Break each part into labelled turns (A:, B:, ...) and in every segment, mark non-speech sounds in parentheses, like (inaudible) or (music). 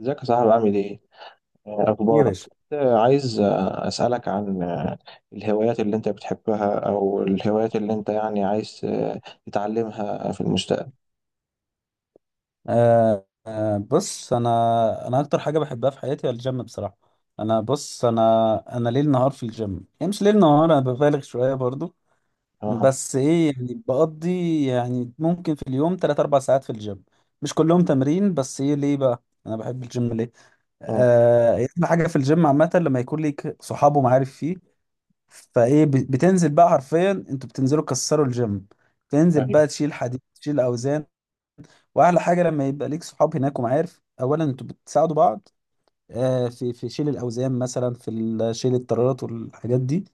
A: ازيك يا صاحبي عامل ايه؟ آه،
B: ايه يا
A: اخبارك؟
B: باشا.
A: كنت عايز اسالك عن الهوايات اللي انت بتحبها او الهوايات اللي انت يعني عايز تتعلمها في المستقبل.
B: بص، انا اكتر حاجه بحبها في حياتي هو الجيم بصراحه. انا، بص، انا ليل نهار في الجيم. يعني مش ليل نهار، انا ببالغ شويه برضو.
A: اه
B: بس ايه يعني، بقضي يعني ممكن في اليوم 3 4 ساعات في الجيم، مش كلهم تمرين. بس ايه ليه بقى انا بحب الجيم ليه؟
A: اه
B: احلى حاجه في الجيم عامه لما يكون ليك صحاب ومعارف فيه. فايه، بتنزل بقى حرفيا، انتوا بتنزلوا تكسروا الجيم. تنزل
A: ايوه
B: بقى تشيل حديد، تشيل اوزان. واحلى حاجه لما يبقى ليك صحاب هناك ومعارف، اولا انتوا بتساعدوا بعض، في شيل الاوزان مثلا، شيل الطيارات والحاجات دي.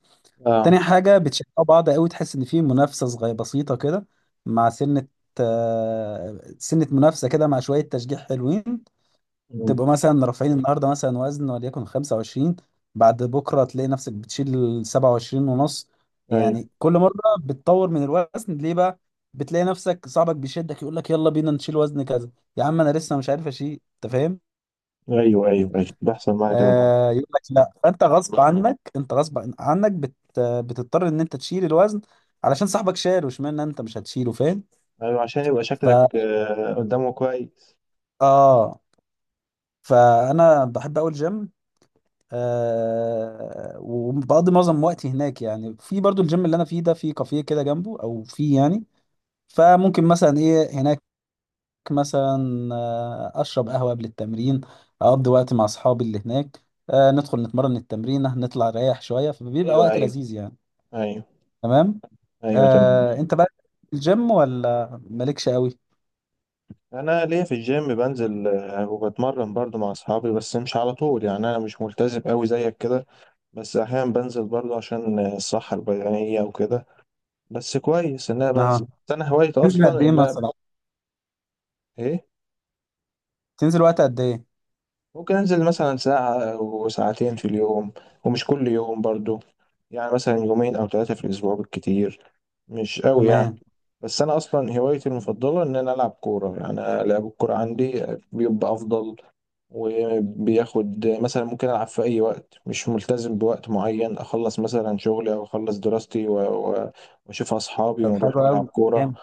A: اه
B: تاني حاجه، بتشجعوا بعض قوي، تحس ان في منافسه صغيره بسيطه كده، مع سنه، سنه منافسه كده مع شويه تشجيع حلوين.
A: مم.
B: تبقوا مثلا رافعين النهارده مثلا وزن وليكن 25، بعد بكره تلاقي نفسك بتشيل 27 ونص.
A: ايوه،
B: يعني كل مره بتطور من الوزن. ليه بقى؟ بتلاقي نفسك صاحبك بيشدك، يقول لك يلا بينا نشيل وزن كذا. يا عم انا لسه مش عارف اشيل، انت فاهم؟
A: ايوه، ايوه، ايوه، بيحصل معايا كده برضه.
B: يقول لك لا، فانت غصب عنك، انت غصب عنك، بتضطر ان انت تشيل الوزن علشان صاحبك شال، واشمعنى انت مش هتشيله؟ فاهم؟
A: ايوه عشان يبقى
B: ف
A: شكلك قدامه كويس.
B: اه فانا بحب اقول جيم. وبقضي معظم وقتي هناك. يعني في برضو الجيم اللي انا فيه ده في كافيه كده جنبه، او فيه يعني. فممكن مثلا ايه هناك، مثلا اشرب قهوة قبل التمرين، اقضي وقت مع اصحابي اللي هناك، ندخل نتمرن التمرين، نطلع نريح شوية، فبيبقى
A: ايوه،
B: وقت
A: ايوه،
B: لذيذ يعني.
A: ايوه،
B: تمام.
A: ايوه، تمام.
B: انت بقى، الجيم ولا مالكش قوي؟
A: انا ليا في الجيم بنزل وبتمرن برضه مع اصحابي، بس مش على طول يعني انا مش ملتزم قوي زيك كده. بس احيانا بنزل برضو عشان الصحة البدنية وكده. بس كويس ان انا بنزل.
B: اه،
A: بس انا هوايتي
B: تنزل قد
A: اصلا
B: ايه
A: ان انا
B: مثلا؟
A: ايه،
B: تنزل وقت قد ايه؟
A: ممكن انزل مثلا ساعة وساعتين في اليوم، ومش كل يوم برضو، يعني مثلا يومين او ثلاثة في الاسبوع بالكتير، مش قوي يعني.
B: تمام،
A: بس انا اصلا هوايتي المفضلة ان انا العب كورة، يعني أنا لعب الكورة عندي بيبقى افضل، وبياخد مثلا ممكن ألعب في أي وقت مش ملتزم بوقت معين، أخلص مثلا شغلي أو أخلص دراستي و- وأشوف أصحابي
B: طب
A: ونروح
B: حلو
A: نلعب
B: قوي.
A: كورة
B: جامد.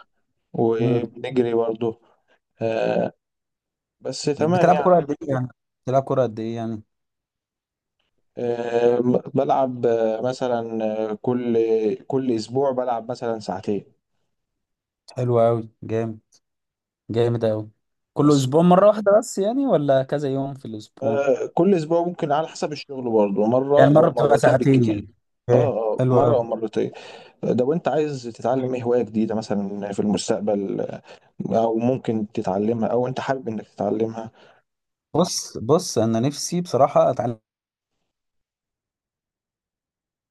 B: مم.
A: وبنجري برضه. آه، بس تمام
B: بتلعب
A: يعني.
B: كرة قد ايه يعني بتلعب كرة قد ايه يعني؟
A: آه، بلعب مثلا آه، كل كل أسبوع بلعب مثلا ساعتين
B: حلو أوي، جامد. جامد أوي. كل
A: بس.
B: أسبوع مرة واحدة بس يعني، ولا كذا يوم في الأسبوع؟
A: كل أسبوع ممكن على حسب الشغل برضه مرة
B: يعني مرة
A: أو
B: بتبقى
A: مرتين
B: ساعتين يعني؟
A: بالكتير. اه
B: ايه.
A: اه
B: حلو
A: مرة أو
B: قوي.
A: مرتين. ده وأنت عايز تتعلم إيه هواية جديدة مثلا في المستقبل، او ممكن تتعلمها او انت حابب انك تتعلمها؟
B: بص بص، أنا نفسي بصراحة أتعلم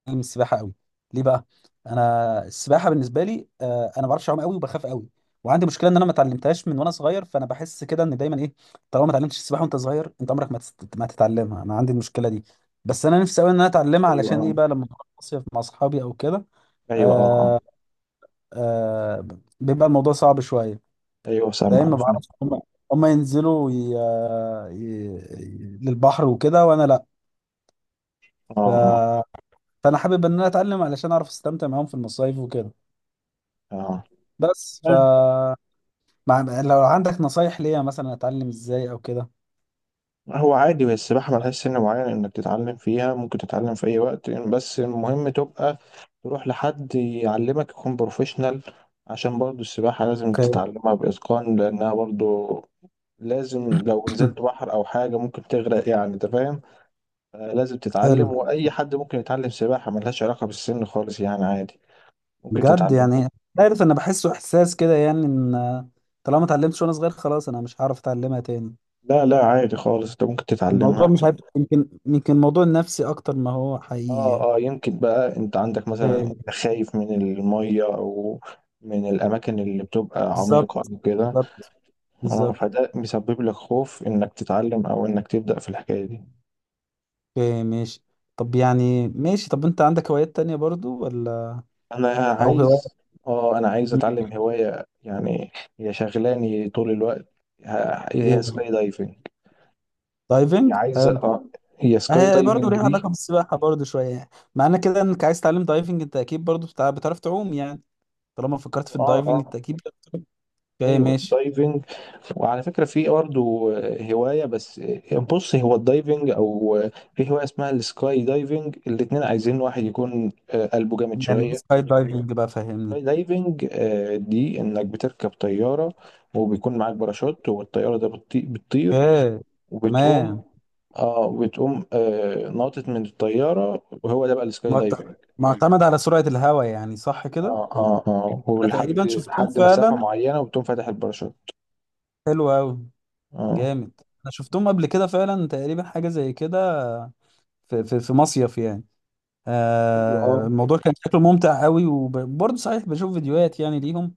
B: السباحة أوي. ليه بقى؟ أنا السباحة بالنسبة لي، أنا ما بعرفش أعوم أوي وبخاف أوي. وعندي مشكلة إن أنا ما اتعلمتهاش من وأنا صغير، فأنا بحس كده إن دايما إيه، طالما ما اتعلمتش السباحة وأنت صغير أنت عمرك ما ما تتعلمها. أنا عندي المشكلة دي. بس أنا نفسي أوي إن أنا أتعلمها،
A: ايوه
B: علشان إيه
A: اه.
B: بقى، لما أروح مصيف مع أصحابي أو كده.
A: ايوه
B: آه،
A: اه اه.
B: آه بيبقى الموضوع صعب شوية،
A: ايوه
B: فاهم؟
A: سامع.
B: ما بعرفش، هم ينزلوا للبحر وكده، وانا لا. ف...
A: اه
B: فانا حابب ان انا اتعلم علشان اعرف استمتع معاهم في المصايف وكده.
A: اه
B: بس.
A: اه.
B: لو عندك نصايح ليا، مثلا اتعلم ازاي او كده؟
A: هو عادي، بس السباحة ملهاش سن معين انك تتعلم فيها، ممكن تتعلم في اي وقت، بس المهم تبقى تروح لحد يعلمك يكون بروفيشنال عشان برضو السباحة لازم
B: اوكي.
A: تتعلمها بإتقان، لأنها برضو لازم لو نزلت
B: (coughs)
A: بحر أو حاجة ممكن تغرق يعني أنت فاهم. لازم
B: حلو،
A: تتعلم، وأي حد ممكن يتعلم سباحة، ملهاش علاقة بالسن خالص يعني عادي ممكن
B: بجد
A: تتعلم.
B: يعني؟ عارف، انا بحسه احساس كده يعني، ان طالما ما اتعلمتش وانا صغير، خلاص انا مش هعرف اتعلمها تاني.
A: لا لا، عادي خالص، انت ممكن
B: الموضوع
A: تتعلمها.
B: مش عارف، يمكن موضوع نفسي اكتر ما هو
A: اه
B: حقيقي،
A: اه، يمكن بقى انت عندك
B: يعني.
A: مثلا، انت خايف من المية او من الاماكن اللي بتبقى
B: بالظبط،
A: عميقة او كده.
B: بالظبط،
A: اه،
B: بالظبط.
A: فده مسبب لك خوف انك تتعلم او انك تبدأ في الحكاية دي.
B: اوكي ماشي. طب يعني ماشي، طب انت عندك هوايات تانية برضو، ولا
A: انا
B: او هواية؟
A: عايز اه، انا عايز اتعلم هواية يعني هي شغلاني طول الوقت. هي
B: ايه،
A: سكاي دايفنج. هي
B: دايفنج،
A: عايزة
B: حلو.
A: اه، هي سكاي
B: هي برضو
A: دايفنج
B: ليها
A: دي.
B: علاقة بالسباحة برضو شوية، يعني معنى كده انك عايز تتعلم دايفنج، انت اكيد برضو بتعرف تعوم يعني، طالما فكرت في
A: اه
B: الدايفنج
A: اه.
B: انت اكيد. اوكي
A: ايوه
B: ماشي.
A: الدايفنج. وعلى فكره في برضه هوايه، بس بص هو الدايفنج او في هوايه اسمها السكاي دايفنج، الاتنين عايزين واحد يكون قلبه جامد
B: يعني دي
A: شويه.
B: سكاي دايفنج بقى،
A: السكاي
B: فهمني.
A: دايفنج دي انك بتركب طياره وبيكون معاك باراشوت، والطياره ده بتطير
B: اوكي.
A: وبتقوم،
B: تمام.
A: اه بتقوم آه ناطط من الطياره، وهو ده بقى السكاي دايفنج.
B: معتمد على سرعة الهواء يعني، صح كده؟
A: اه اه اه،
B: أنا
A: ولحد
B: تقريبا شفتهم
A: لحد مسافه
B: فعلا.
A: معينه وبتقوم فاتح الباراشوت.
B: حلو قوي.
A: اه
B: جامد. انا شفتهم قبل كده فعلا، تقريبا حاجه زي كده، في في مصيف يعني.
A: ايوه. اه
B: الموضوع كان شكله ممتع قوي، وبرضه صحيح بشوف فيديوهات يعني ليهم،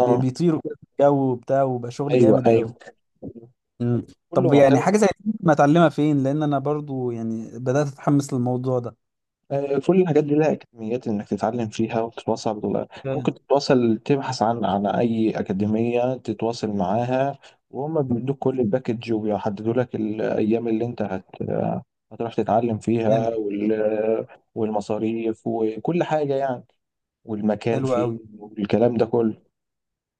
B: بيطيروا كده في الجو وبتاع، وبقى شغل
A: ايوه
B: جامد
A: ايوه.
B: قوي. مم.
A: كله
B: طب يعني
A: محتوى.
B: حاجه زي دي، ما اتعلمها فين؟ لان انا برضه يعني بدات اتحمس للموضوع ده.
A: كل الحاجات دي لها اكاديميات انك تتعلم فيها وتتواصل
B: جامد.
A: ممكن تتواصل، تبحث عن اي اكاديميه تتواصل معاها وهم بيدوك كل الباكج وبيحددوا لك الايام اللي انت هتروح تتعلم
B: جامد.
A: فيها والمصاريف وكل حاجه يعني، والمكان
B: حلو
A: فيه
B: قوي.
A: والكلام ده كله.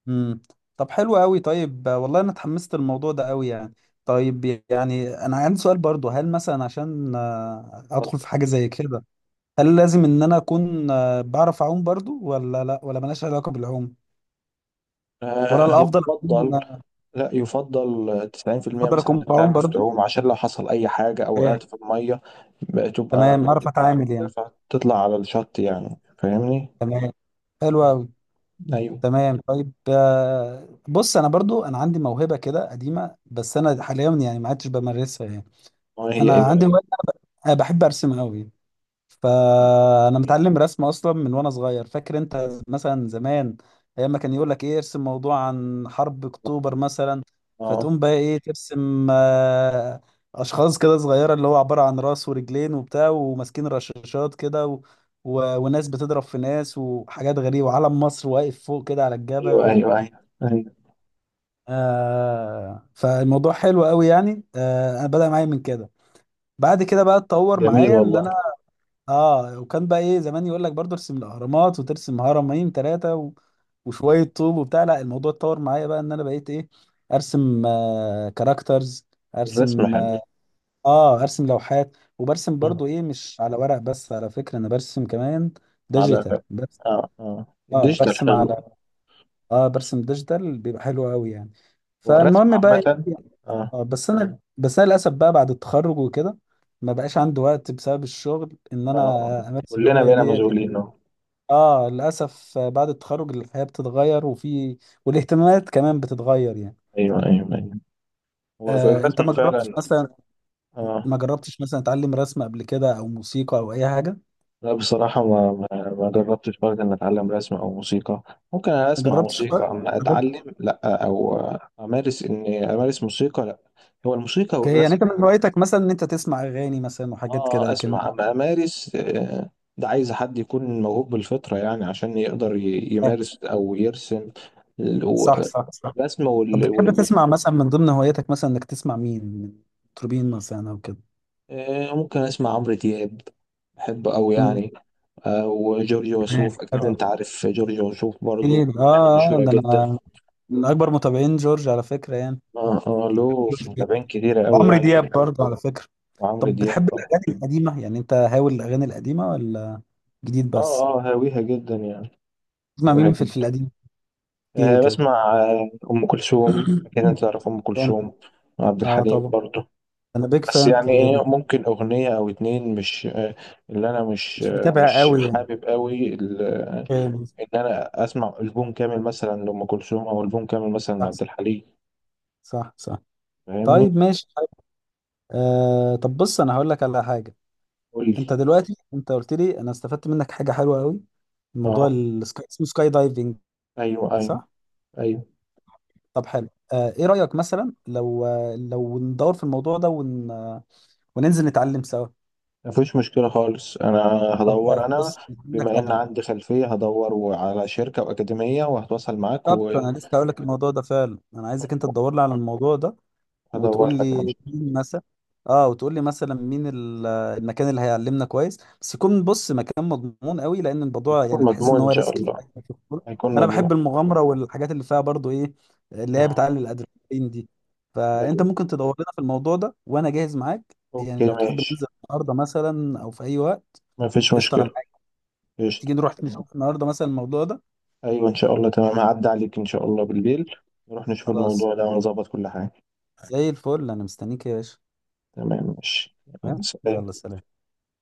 B: امم طب حلو قوي. طيب، والله انا اتحمست للموضوع ده قوي يعني. طيب، يعني انا عندي سؤال برضه، هل مثلا عشان ادخل في حاجه زي كده، هل لازم ان انا اكون بعرف اعوم برضو، ولا لا، ولا ملهاش علاقه بالعوم، ولا
A: هو
B: الافضل اكون،
A: اتفضل. لا، يفضل 90%
B: الافضل
A: مثلا
B: اكون
A: انك
B: بعوم
A: تعرف
B: برضو؟
A: تعوم عشان لو حصل اي حاجة او
B: إيه.
A: وقعت في المية بقى تبقى
B: تمام، اعرف اتعامل يعني.
A: تطلع على الشط، يعني فاهمني؟
B: تمام، حلو
A: آه.
B: قوي.
A: ايوه.
B: تمام. طيب، بص، انا برضو انا عندي موهبه كده قديمه، بس انا حاليا يعني ما عدتش بمارسها يعني.
A: هي ايه
B: انا
A: بقى؟
B: عندي هواية- انا بحب ارسم قوي. فانا متعلم رسم اصلا من وانا صغير. فاكر انت مثلا زمان، ايام ما كان يقول لك ايه، ارسم موضوع عن حرب اكتوبر مثلا،
A: اه
B: فتقوم بقى ايه، ترسم اشخاص كده صغيره، اللي هو عباره عن راس ورجلين وبتاع، وماسكين رشاشات كده، وناس بتضرب في ناس، وحاجات غريبه، وعلم مصر واقف فوق كده على
A: ايوه
B: الجبل
A: ايوه ايوه ايوه.
B: فالموضوع حلو قوي يعني. انا بدأ معايا من كده. بعد كده بقى اتطور
A: جميل
B: معايا ان
A: والله.
B: انا، اه، وكان بقى ايه زمان يقول لك برضه ارسم الاهرامات، وترسم هرمين ثلاثه وشويه طوب وبتاع، لا الموضوع اتطور معايا بقى ان انا بقيت ايه، ارسم كاركترز،
A: الرسم
B: ارسم،
A: حلو.
B: اه ارسم لوحات، وبرسم
A: آه.
B: برضه ايه، مش على ورق بس، على فكره انا برسم كمان ديجيتال
A: على
B: بس.
A: اه اه،
B: اه. مم.
A: الديجيتال
B: برسم
A: حلو.
B: على اه برسم ديجيتال، بيبقى حلو قوي يعني.
A: هو الرسم
B: فالمهم بقى،
A: عامة.
B: إيه،
A: اه
B: آه بس انا للاسف بقى بعد التخرج وكده، ما بقاش عندي وقت بسبب الشغل ان
A: اه
B: انا
A: أه.
B: امارس
A: كلنا
B: الهوايه
A: بقينا
B: ديت.
A: مشغولين آه.
B: اه، للاسف بعد التخرج الحياه بتتغير، والاهتمامات كمان بتتغير يعني.
A: ايوه ايوه ايوه، هو في
B: انت
A: الرسم فعلا. اه.
B: ما جربتش مثلا تعلم رسم قبل كده، او موسيقى، او اي حاجه؟
A: لا بصراحة، ما جربتش برضه إن أتعلم رسم أو موسيقى. ممكن أنا
B: ما
A: أسمع
B: جربتش
A: موسيقى
B: خالص؟ (laughs)
A: أما
B: عندك-
A: أتعلم لأ. أو أمارس، إني أمارس موسيقى لأ. هو الموسيقى
B: اوكي، يعني
A: والرسم.
B: انت من هوايتك مثلا ان انت تسمع اغاني مثلا وحاجات كده،
A: آه
B: لكن.
A: أسمع أما أمارس ده عايز حد يكون موهوب بالفطرة يعني عشان يقدر
B: آه
A: يمارس أو يرسم ال- و-
B: صح صح صح.
A: الرسم
B: طب بتحب تسمع مثلا، من ضمن هواياتك مثلا انك تسمع مين من مطربين مثلا او كده؟
A: ممكن أسمع عمرو دياب، بحبه أوي
B: مم.
A: يعني. أو جورج
B: تمام.
A: وسوف، أكيد
B: حلو.
A: أنت عارف جورج وسوف برضه،
B: جميل.
A: أغاني مشهورة
B: ده
A: جدا.
B: انا من اكبر متابعين جورج على فكره يعني.
A: اه اه، له
B: جورج
A: متابعين كتيرة قوي
B: وعمرو
A: يعني.
B: دياب (laughs) برضه، على فكره.
A: وعمرو
B: طب
A: دياب
B: بتحب
A: طبعا.
B: الأغاني القديمة يعني؟ أنت هاوي الأغاني القديمة، ولا جديد بس؟
A: اه اه هاويها جدا يعني،
B: تسمع
A: هاويها
B: مين في
A: جدا.
B: القديم؟ كتير
A: آه
B: كده
A: بسمع آه أم كلثوم، أكيد أنت تعرف أم
B: يعني.
A: كلثوم، وعبد الحليم
B: طبعا.
A: برضه.
B: أنا بيج
A: بس
B: فان،
A: يعني
B: اللي
A: إيه، ممكن أغنية أو اتنين، مش آه اللي أنا مش
B: مش
A: آه
B: متابع
A: مش
B: قوي يعني،
A: حابب قوي
B: فاهم.
A: إن أنا أسمع ألبوم كامل مثلا لأم كلثوم أو ألبوم كامل مثلا لعبد
B: صح
A: الحليم،
B: صح صح.
A: فاهمني؟
B: طيب، ماشي. طب بص، أنا هقول لك على حاجة.
A: قول لي.
B: أنت دلوقتي أنت قلت لي، أنا استفدت منك حاجة حلوة قوي. الموضوع
A: اه
B: السكاي، اسمه سكاي دايفنج،
A: أيوه أيوه
B: صح؟
A: أيوه.
B: طب حلو. إيه رأيك مثلا، لو ندور في الموضوع ده، ون... آه، وننزل نتعلم سوا؟
A: مفيش مشكلة خالص، أنا
B: طب
A: هدور. أنا
B: بص، هقول لك
A: بما
B: على
A: إن
B: حاجة.
A: عندي خلفية، هدور على شركة وأكاديمية وهتواصل معاك
B: بالظبط،
A: وهدور
B: انا لسه هقول لك الموضوع ده فعلا، انا عايزك انت تدور لي على الموضوع ده، وتقول
A: لك
B: لي
A: ماشي.
B: مين مثلا. اه، وتقول لي مثلا مين المكان اللي هيعلمنا كويس، بس يكون، بص، مكان مضمون قوي، لان الموضوع يعني
A: هيكون
B: تحس ان
A: مضمون إن
B: هو
A: شاء
B: ريسك
A: الله،
B: شوية في الكورة.
A: هيكون
B: انا بحب
A: مضمون.
B: المغامره والحاجات اللي فيها برضو ايه، اللي هي
A: مم.
B: بتعلي الادرينالين دي. فانت
A: لا.
B: ممكن تدور لنا في الموضوع ده، وانا جاهز معاك يعني،
A: أوكي
B: لو تحب
A: ماشي،
B: ننزل النهارده مثلا، او في اي وقت.
A: مفيش
B: قشطه، انا
A: مشكلة.
B: معاك.
A: قشطة.
B: تيجي نروح
A: تمام.
B: نشوف النهارده مثلا الموضوع ده.
A: أيوة إن شاء الله، تمام، هعدي عليك إن شاء الله بالليل، نروح نشوف
B: خلاص.
A: الموضوع ده ونظبط كل حاجة.
B: زي الفل، انا مستنيك يا باشا.
A: تمام ماشي. يلا،
B: تمام، يلا،
A: سلام.
B: سلام.